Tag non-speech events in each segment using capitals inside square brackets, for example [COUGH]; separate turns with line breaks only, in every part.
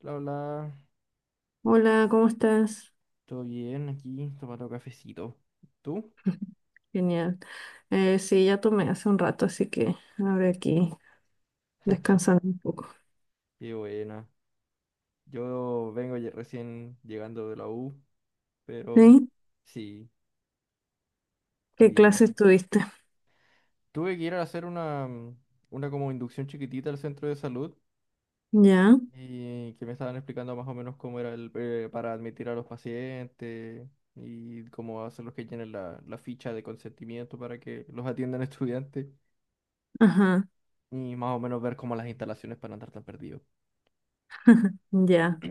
Bla, bla,
Hola, ¿cómo estás?
todo bien aquí, tomando cafecito. ¿Tú?
[LAUGHS] Genial. Sí, ya tomé hace un rato, así que ahora aquí descansando un poco.
Qué buena. Yo vengo recién llegando de la U, pero
¿Sí?
sí,
¿Qué
estoy...
clases tuviste?
Tuve que ir a hacer una, una como inducción chiquitita al centro de salud
Ya,
y que me estaban explicando más o menos cómo era el, para admitir a los pacientes y cómo hacer los que llenen la ficha de consentimiento para que los atiendan estudiantes
ajá,
y más o menos ver cómo las instalaciones para no andar tan perdidos.
ya.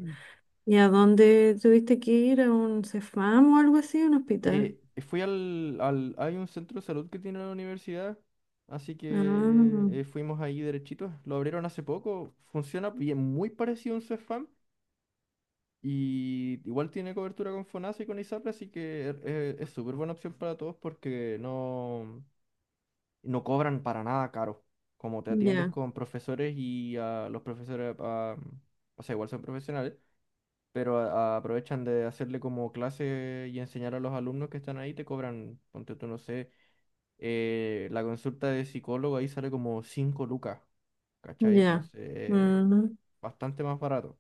¿Y a dónde tuviste que ir? ¿A un Cefam o algo así? ¿Un hospital?
Fui al Hay un centro de salud que tiene la universidad, así que
Ah,
fuimos ahí derechitos. Lo abrieron hace poco, funciona bien, muy parecido a un Cefam y igual tiene cobertura con FONASA y con ISAPRE, así que es súper buena opción para todos porque no cobran para nada caro. Como te atiendes
ya,
con profesores y a los profesores, ah, o sea, igual son profesionales, pero aprovechan de hacerle como clase y enseñar a los alumnos que están ahí, te cobran, ponte tú, no sé, la consulta de psicólogo ahí sale como 5 lucas, ¿cachai?
ya.
Entonces,
Ujú.
bastante más barato.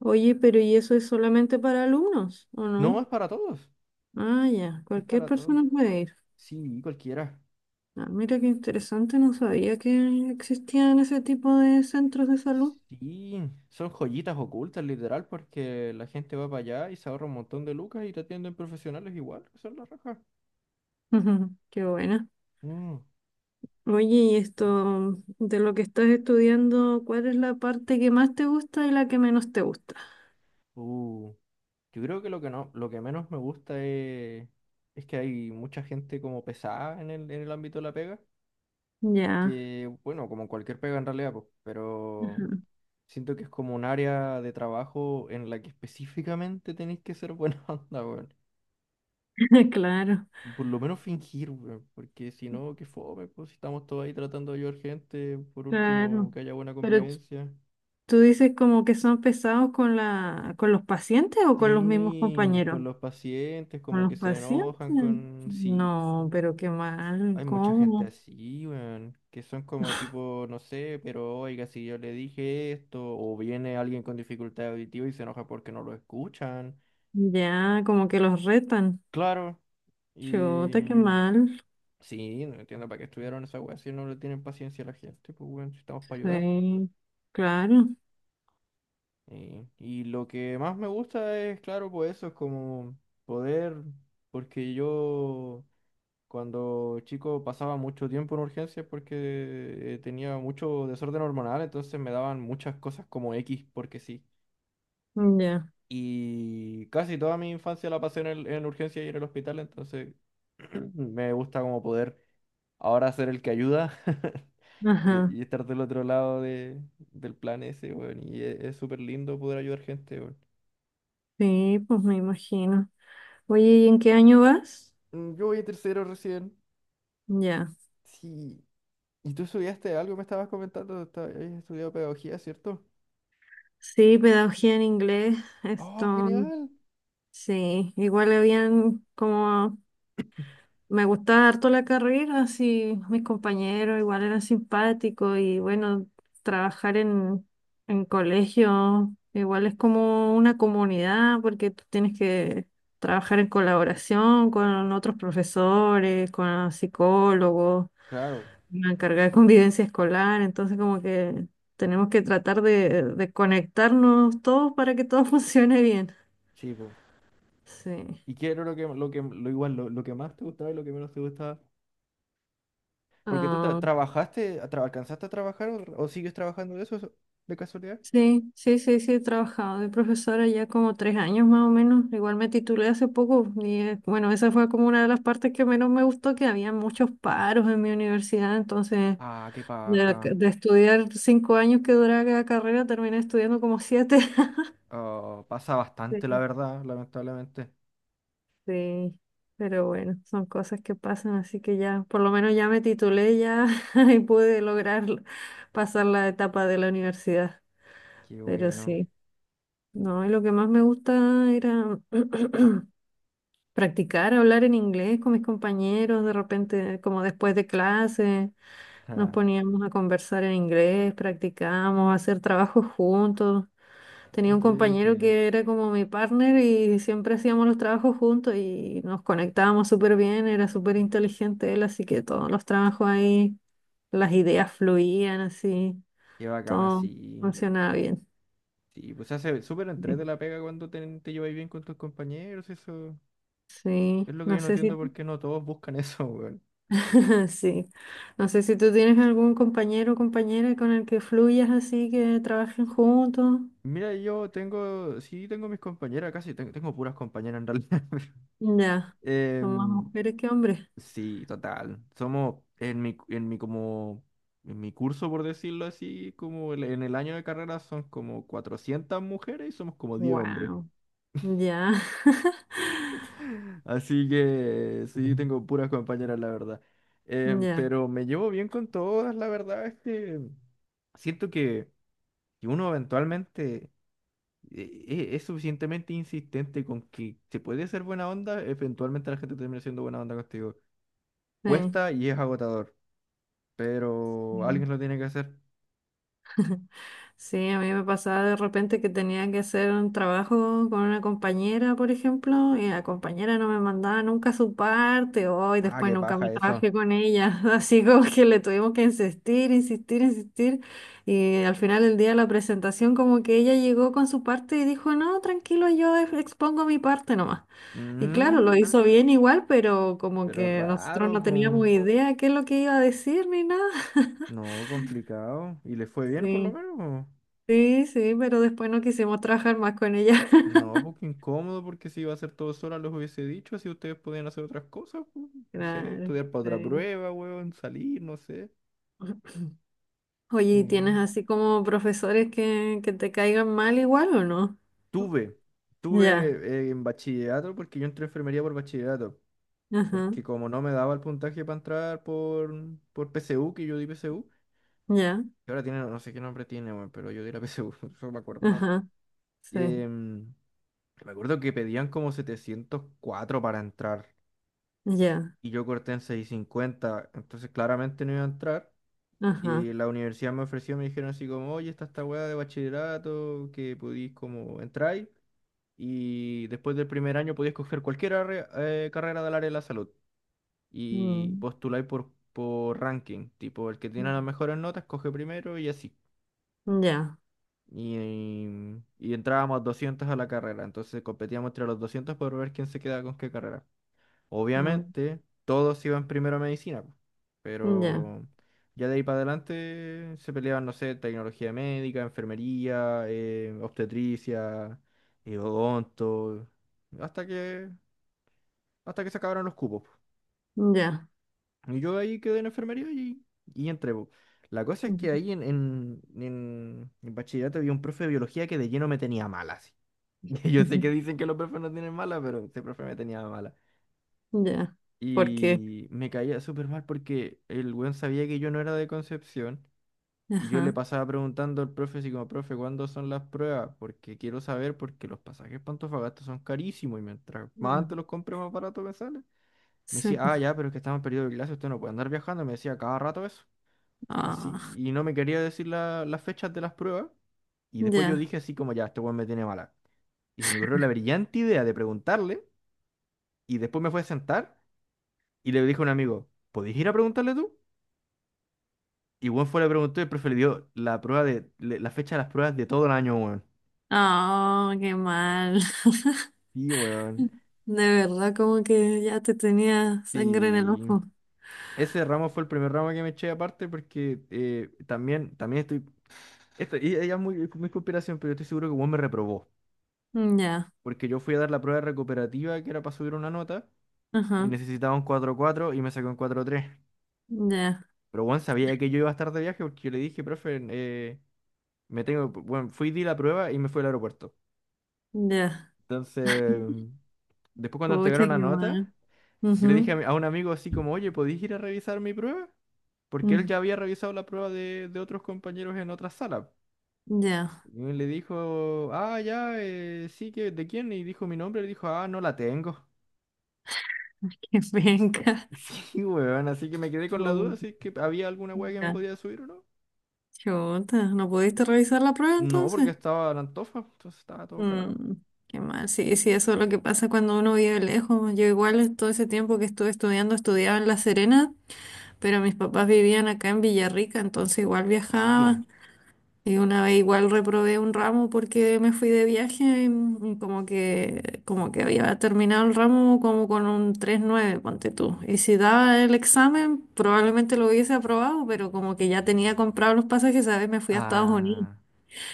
Oye, pero ¿y eso es solamente para alumnos o
No,
no?
es para todos,
Ah, ya,
es
cualquier
para todos.
persona puede ir.
Sí, cualquiera.
Ah, mira qué interesante, no sabía que existían ese tipo de centros de salud. [LAUGHS]
Sí, son joyitas ocultas, literal, porque la gente va para allá y se ahorra un montón de lucas y te atienden profesionales igual, que son las rajas.
Ujú, qué buena.
Mm,
Oye, y esto de lo que estás estudiando, ¿cuál es la parte que más te gusta y la que menos te gusta?
uh, Yo creo que lo que no, lo que menos me gusta es que hay mucha gente como pesada en el ámbito de la pega,
Ya,
que, bueno, como en cualquier pega en realidad, pues, pero
ajá.
siento que es como un área de trabajo en la que específicamente tenéis que ser buena [LAUGHS] onda, weón.
[LAUGHS] Claro,
Por lo menos fingir, weón. Porque si no, qué fome, pues si estamos todos ahí tratando de ayudar gente, por último,
claro.
que haya buena
Pero
convivencia.
tú dices como que son pesados con la, con los pacientes o con los mismos
Sí,
compañeros.
con los pacientes,
Con
como que
los
se
pacientes.
enojan con... Sí,
No, pero qué mal,
hay mucha gente
¿cómo?
así, weón, que son como tipo, no sé, pero oiga, si yo le dije esto, o viene alguien con dificultad auditiva y se enoja porque no lo escuchan.
Ya, como que los retan.
Claro, y
Chuta, qué mal.
sí, no entiendo para qué estudiaron esa weá si no le tienen paciencia a la gente, pues weón, si estamos para ayudar.
Sí, claro.
Y lo que más me gusta es, claro, pues eso es como poder, porque yo cuando chico pasaba mucho tiempo en urgencias porque tenía mucho desorden hormonal, entonces me daban muchas cosas como X, porque sí.
Mm, ya.
Y casi toda mi infancia la pasé en urgencias y en el hospital, entonces [CLEARS THROAT] me gusta como poder ahora ser el que ayuda [LAUGHS]
Ajá.
y, estar del otro lado del plan ese, weón. Y es súper lindo poder ayudar gente, weón.
Sí, pues me imagino. Oye, ¿y en qué año vas?
Yo voy a tercero recién.
Ya.
Sí. ¿Y tú estudiaste algo? Me estabas comentando, habías estudiado pedagogía, ¿cierto?
Sí, pedagogía en inglés.
¡Oh,
Esto,
genial!
sí. Igual habían como... Me gustaba harto la carrera, así mis compañeros igual eran simpáticos y bueno, trabajar en colegio igual es como una comunidad porque tú tienes que trabajar en colaboración con otros profesores, con psicólogos,
Claro,
una carga de convivencia escolar, entonces como que tenemos que tratar de conectarnos todos para que todo [LAUGHS] funcione bien.
sí, po.
Sí.
¿Y qué era lo que más te gustaba y lo que menos te gustaba? Porque tú trabajaste, alcanzaste a trabajar o sigues trabajando de eso, de casualidad.
Sí, sí, sí, sí, he trabajado de profesora ya como 3 años más o menos. Igual me titulé hace poco y bueno, esa fue como una de las partes que menos me gustó, que había muchos paros en mi universidad, entonces
Ah, qué paja.
de estudiar 5 años que duraba cada carrera, terminé estudiando como siete. [LAUGHS]
Oh, pasa bastante, la
Sí,
verdad, lamentablemente.
sí, pero bueno, son cosas que pasan, así que ya, por lo menos ya me titulé ya [LAUGHS] y pude lograr pasar la etapa de la universidad,
Qué
pero
bueno.
sí. No, y lo que más me gusta era [CLEARS THROAT] practicar hablar en inglés con mis compañeros, de repente, como después de clase,
[LAUGHS]
nos poníamos a conversar en inglés, practicábamos, hacer trabajos juntos.
Qué
Tenía un compañero
entrete.
que era como mi partner y siempre hacíamos los trabajos juntos y nos conectábamos súper bien, era súper inteligente él, así que todos los trabajos ahí, las ideas fluían así,
Qué bacana,
todo
sí.
funcionaba bien.
Sí, pues se hace súper entrete la pega cuando te lleváis bien con tus compañeros. Eso es
Sí,
lo que
no
yo no
sé si...
entiendo por qué no todos buscan [LAUGHS] eso, weón.
[LAUGHS] Sí. No sé si tú tienes algún compañero o compañera con el que fluyas así, que trabajen juntos.
Mira, yo tengo, sí, tengo mis compañeras casi, tengo puras compañeras en realidad. [LAUGHS]
Ya. Son más
Em,
mujeres que hombres.
sí, total. Somos en mi curso, por decirlo así, como en el año de carrera son como 400 mujeres y somos como 10 hombres.
Wow. Ya. [LAUGHS]
Así que sí, tengo puras compañeras, la verdad.
Ya.
Pero me llevo bien con todas, la verdad es que siento que uno eventualmente es suficientemente insistente con que se puede ser buena onda, eventualmente la gente termina siendo buena onda contigo.
Sí.
Cuesta y es agotador, pero alguien lo tiene que hacer.
Sí. Sí, a mí me pasaba de repente que tenía que hacer un trabajo con una compañera, por ejemplo, y la compañera no me mandaba nunca su parte, o y
Ah,
después
qué
nunca me
paja
trabajé
eso.
con ella, [LAUGHS] así como que le tuvimos que insistir, insistir, insistir, y al final del día de la presentación como que ella llegó con su parte y dijo, no, tranquilo, yo expongo mi parte nomás. Y claro, lo, ah,
Mm,
hizo, ah, bien igual, pero como
pero
que nosotros
raro,
no
po.
teníamos idea qué es lo que iba a decir ni nada. [LAUGHS]
No, complicado. ¿Y le fue bien por lo
Sí.
menos?
Sí, sí, pero después no quisimos trabajar más con ella. [LAUGHS]
No, porque incómodo, porque si iba a hacer todo sola, los hubiese dicho, así ustedes podían hacer otras cosas, pu, no sé,
Claro,
estudiar para otra
sí.
prueba, weón, salir, no sé.
Oye, ¿y
Mm.
tienes así como profesores que te caigan mal igual o no?
Tuve, tuve
Ya,
en bachillerato, porque yo entré a enfermería por bachillerato,
ajá,
porque como no me daba el puntaje para entrar por PSU, que yo di PSU,
ya,
que ahora tiene, no sé qué nombre tiene, weón, pero yo di la PSU, [LAUGHS] eso me acuerdo.
ajá, sí,
Em, Me acuerdo que pedían como 704 para entrar,
ya,
y yo corté en 650, entonces claramente no iba a entrar.
ajá,
Y la universidad me ofreció, me dijeron así como, oye, está esta weá de bachillerato, que podís como entrar y después del primer año podís coger cualquier carrera del área de la salud y
mm,
postuláis por ranking, tipo el que tiene las mejores notas coge primero y así.
ya,
Y entrábamos 200 a la carrera, entonces competíamos entre los 200 por ver quién se queda con qué carrera.
mm,
Obviamente, todos iban primero a medicina, po,
ya,
pero ya de ahí para adelante se peleaban, no sé, tecnología médica, enfermería, obstetricia, odonto, hasta que, hasta que se acabaron los cupos,
ya,
po. Y yo ahí quedé en enfermería y, entré, po. La cosa es que
[LAUGHS]
ahí en bachillerato había un profe de biología que de lleno me tenía mala, así. [LAUGHS] Yo sé
ujú,
que dicen que los profes no tienen mala, pero ese profe me tenía mala.
ya, ¿por qué?
Y me caía súper mal porque el weón sabía que yo no era de Concepción. Y yo le
Ajá,
pasaba preguntando al profe, así como, profe, ¿cuándo son las pruebas? Porque quiero saber, porque los pasajes para Antofagasta son carísimos. Y mientras más antes
ah,
los compre, más barato me sale. Me
sí,
decía,
pues,
ah, ya, pero es que estamos en periodo de clase, usted no puede andar viajando. Me decía cada rato eso. Así.
ah,
Y no me quería decir las fechas de las pruebas. Y después yo
ya,
dije así como, ya, este weón me tiene mala. Y se me ocurrió la brillante idea de preguntarle. Y después me fue a sentar. Y le dije a un amigo, ¿podés ir a preguntarle tú? Y weón fue, le preguntó y el profe le dio la prueba la fecha de las pruebas de todo el año, weón.
ah, qué mal. [LAUGHS]
Sí, weón.
De verdad, como que ya te tenía sangre en el
Sí.
ojo.
Ese ramo fue el primer ramo que me eché aparte porque también estoy. Esto, y ella es muy, muy conspiración, pero yo estoy seguro que weón me reprobó.
Mm, ya,
Porque yo fui a dar la prueba recuperativa que era para subir una nota y
ajá,
necesitaba un cuatro 4 y me sacó un cuatro tres.
ya,
Pero weón sabía que yo iba a estar de viaje porque yo le dije, profe, me tengo. Bueno, fui, di la prueba y me fui al aeropuerto.
ya.
Entonces, después cuando
Pucha,
entregaron la
qué
nota.
mal.
Yo le
Ujú,
dije a un amigo así como, oye, ¿podéis ir a revisar mi prueba? Porque él ya
mm,
había revisado la prueba de otros compañeros en otra sala.
ya,
Y él le dijo, ah, ya, sí, que, ¿de quién? Y dijo mi nombre, le dijo, ah, no la tengo.
[LAUGHS] qué penca.
[LAUGHS] Sí, weón, así que me quedé con la
Oh,
duda si es que había alguna weá que me
ya,
podía subir o no.
chuta. ¿No pudiste revisar la prueba
No, porque
entonces?
estaba en Antofa, entonces estaba todo cagado.
Mm, qué mal. Sí, sí, eso es lo que pasa cuando uno vive lejos. Yo igual todo ese tiempo que estuve estudiando, estudiaba en La Serena, pero mis papás vivían acá en Villarrica, entonces igual
Pique.
viajaba. Y una vez igual reprobé un ramo porque me fui de viaje y como que había terminado el ramo como con un 3,9 ponte tú. Y si daba el examen, probablemente lo hubiese aprobado, pero como que ya tenía comprado los pasajes, ¿sabes? Me fui a Estados Unidos.
Ah,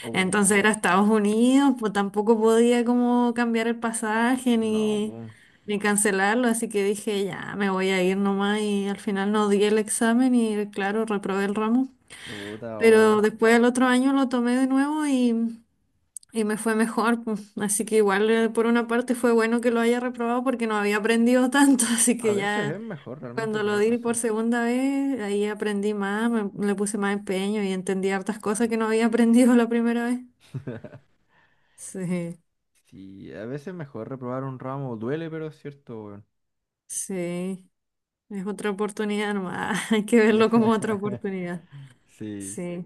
oh,
Entonces era Estados Unidos, pues tampoco podía como cambiar el pasaje
no,
ni,
pum,
ni cancelarlo, así que dije, ya, me voy a ir nomás y al final no di el examen y claro, reprobé el ramo.
puta, oh.
Pero después el otro año lo tomé de nuevo y me fue mejor, pues. Así que igual por una parte fue bueno que lo haya reprobado porque no había aprendido tanto. [LAUGHS] Así
A
que
veces
ya
es mejor realmente
cuando lo
tener
di por
razón.
segunda vez, ahí aprendí más, le puse más empeño y entendí hartas cosas que no había [LAUGHS] aprendido la primera vez.
[LAUGHS]
Sí,
Sí, a veces mejor reprobar un ramo. Duele, pero es cierto, weón.
sí, es otra oportunidad nomás. [LAUGHS] Hay que verlo como otra oportunidad.
[LAUGHS] Sí.
Sí.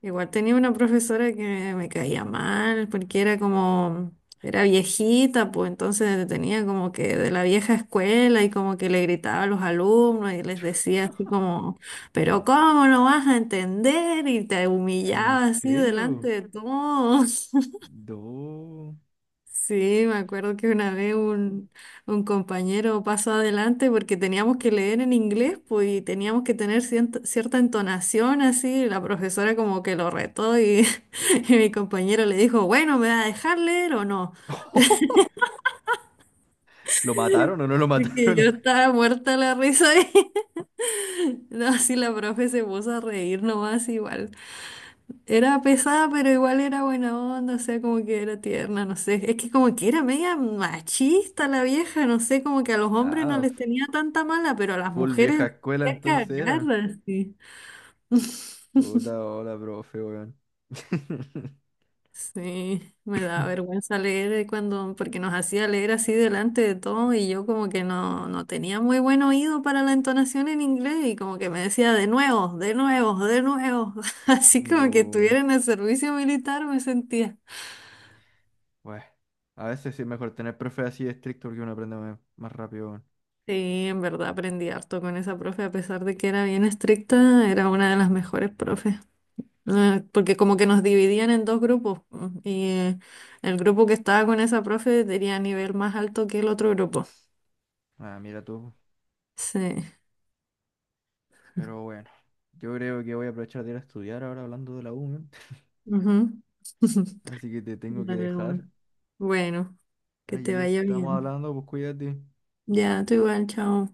Igual tenía una profesora que me caía mal porque era como, era viejita, pues entonces tenía como que de la vieja escuela y como que le gritaba a los alumnos y les decía así como, pero ¿cómo no vas a entender? Y te
¿En
humillaba así delante
serio?
de todos.
No.
Sí, me acuerdo que una vez un compañero pasó adelante porque teníamos que leer en inglés, pues, y teníamos que tener cierta, cierta entonación así. La profesora como que lo retó y, [LAUGHS] y mi compañero le dijo, bueno, ¿me va a dejar leer o no?
[LAUGHS] ¿Lo mataron o no lo
Y que
mataron?
yo
[LAUGHS]
estaba muerta la risa [LAUGHS] y no, así la profe se puso a reír nomás igual. Era pesada, pero igual era buena onda, o sea, como que era tierna, no sé. Es que como que era media machista la vieja, no sé, como que a los hombres no
Ah,
les tenía tanta mala, pero a las
full
mujeres
vieja
las
escuela
hacía
entonces
cagar,
era.
así.
Puta, hola, profe, weón. [LAUGHS]
Sí, me da vergüenza leer cuando, porque nos hacía leer así delante de todo y yo como que no, no tenía muy buen oído para la entonación en inglés y como que me decía de nuevo, de nuevo, de nuevo. [LAUGHS] Así como que
Bu,
estuviera en el servicio militar me sentía.
bueno. A veces sí es mejor tener profes así estricto porque uno aprende más rápido, weón.
Sí, en verdad aprendí harto con esa profe, a pesar de que era bien estricta, era una de las mejores profes. Porque como que nos dividían en dos grupos y el grupo que estaba con esa profe tenía nivel más alto que el otro grupo.
Ah, mira tú.
Sí.
Pero bueno. Yo creo que voy a aprovechar de ir a estudiar ahora hablando de la U, weón.
Ujú. [LAUGHS]
Así que te tengo que
Dale, bueno,
dejar.
bueno, que te
Ahí
vaya
estamos
bien.
hablando, pues cuídate.
Ya, tú igual, chao.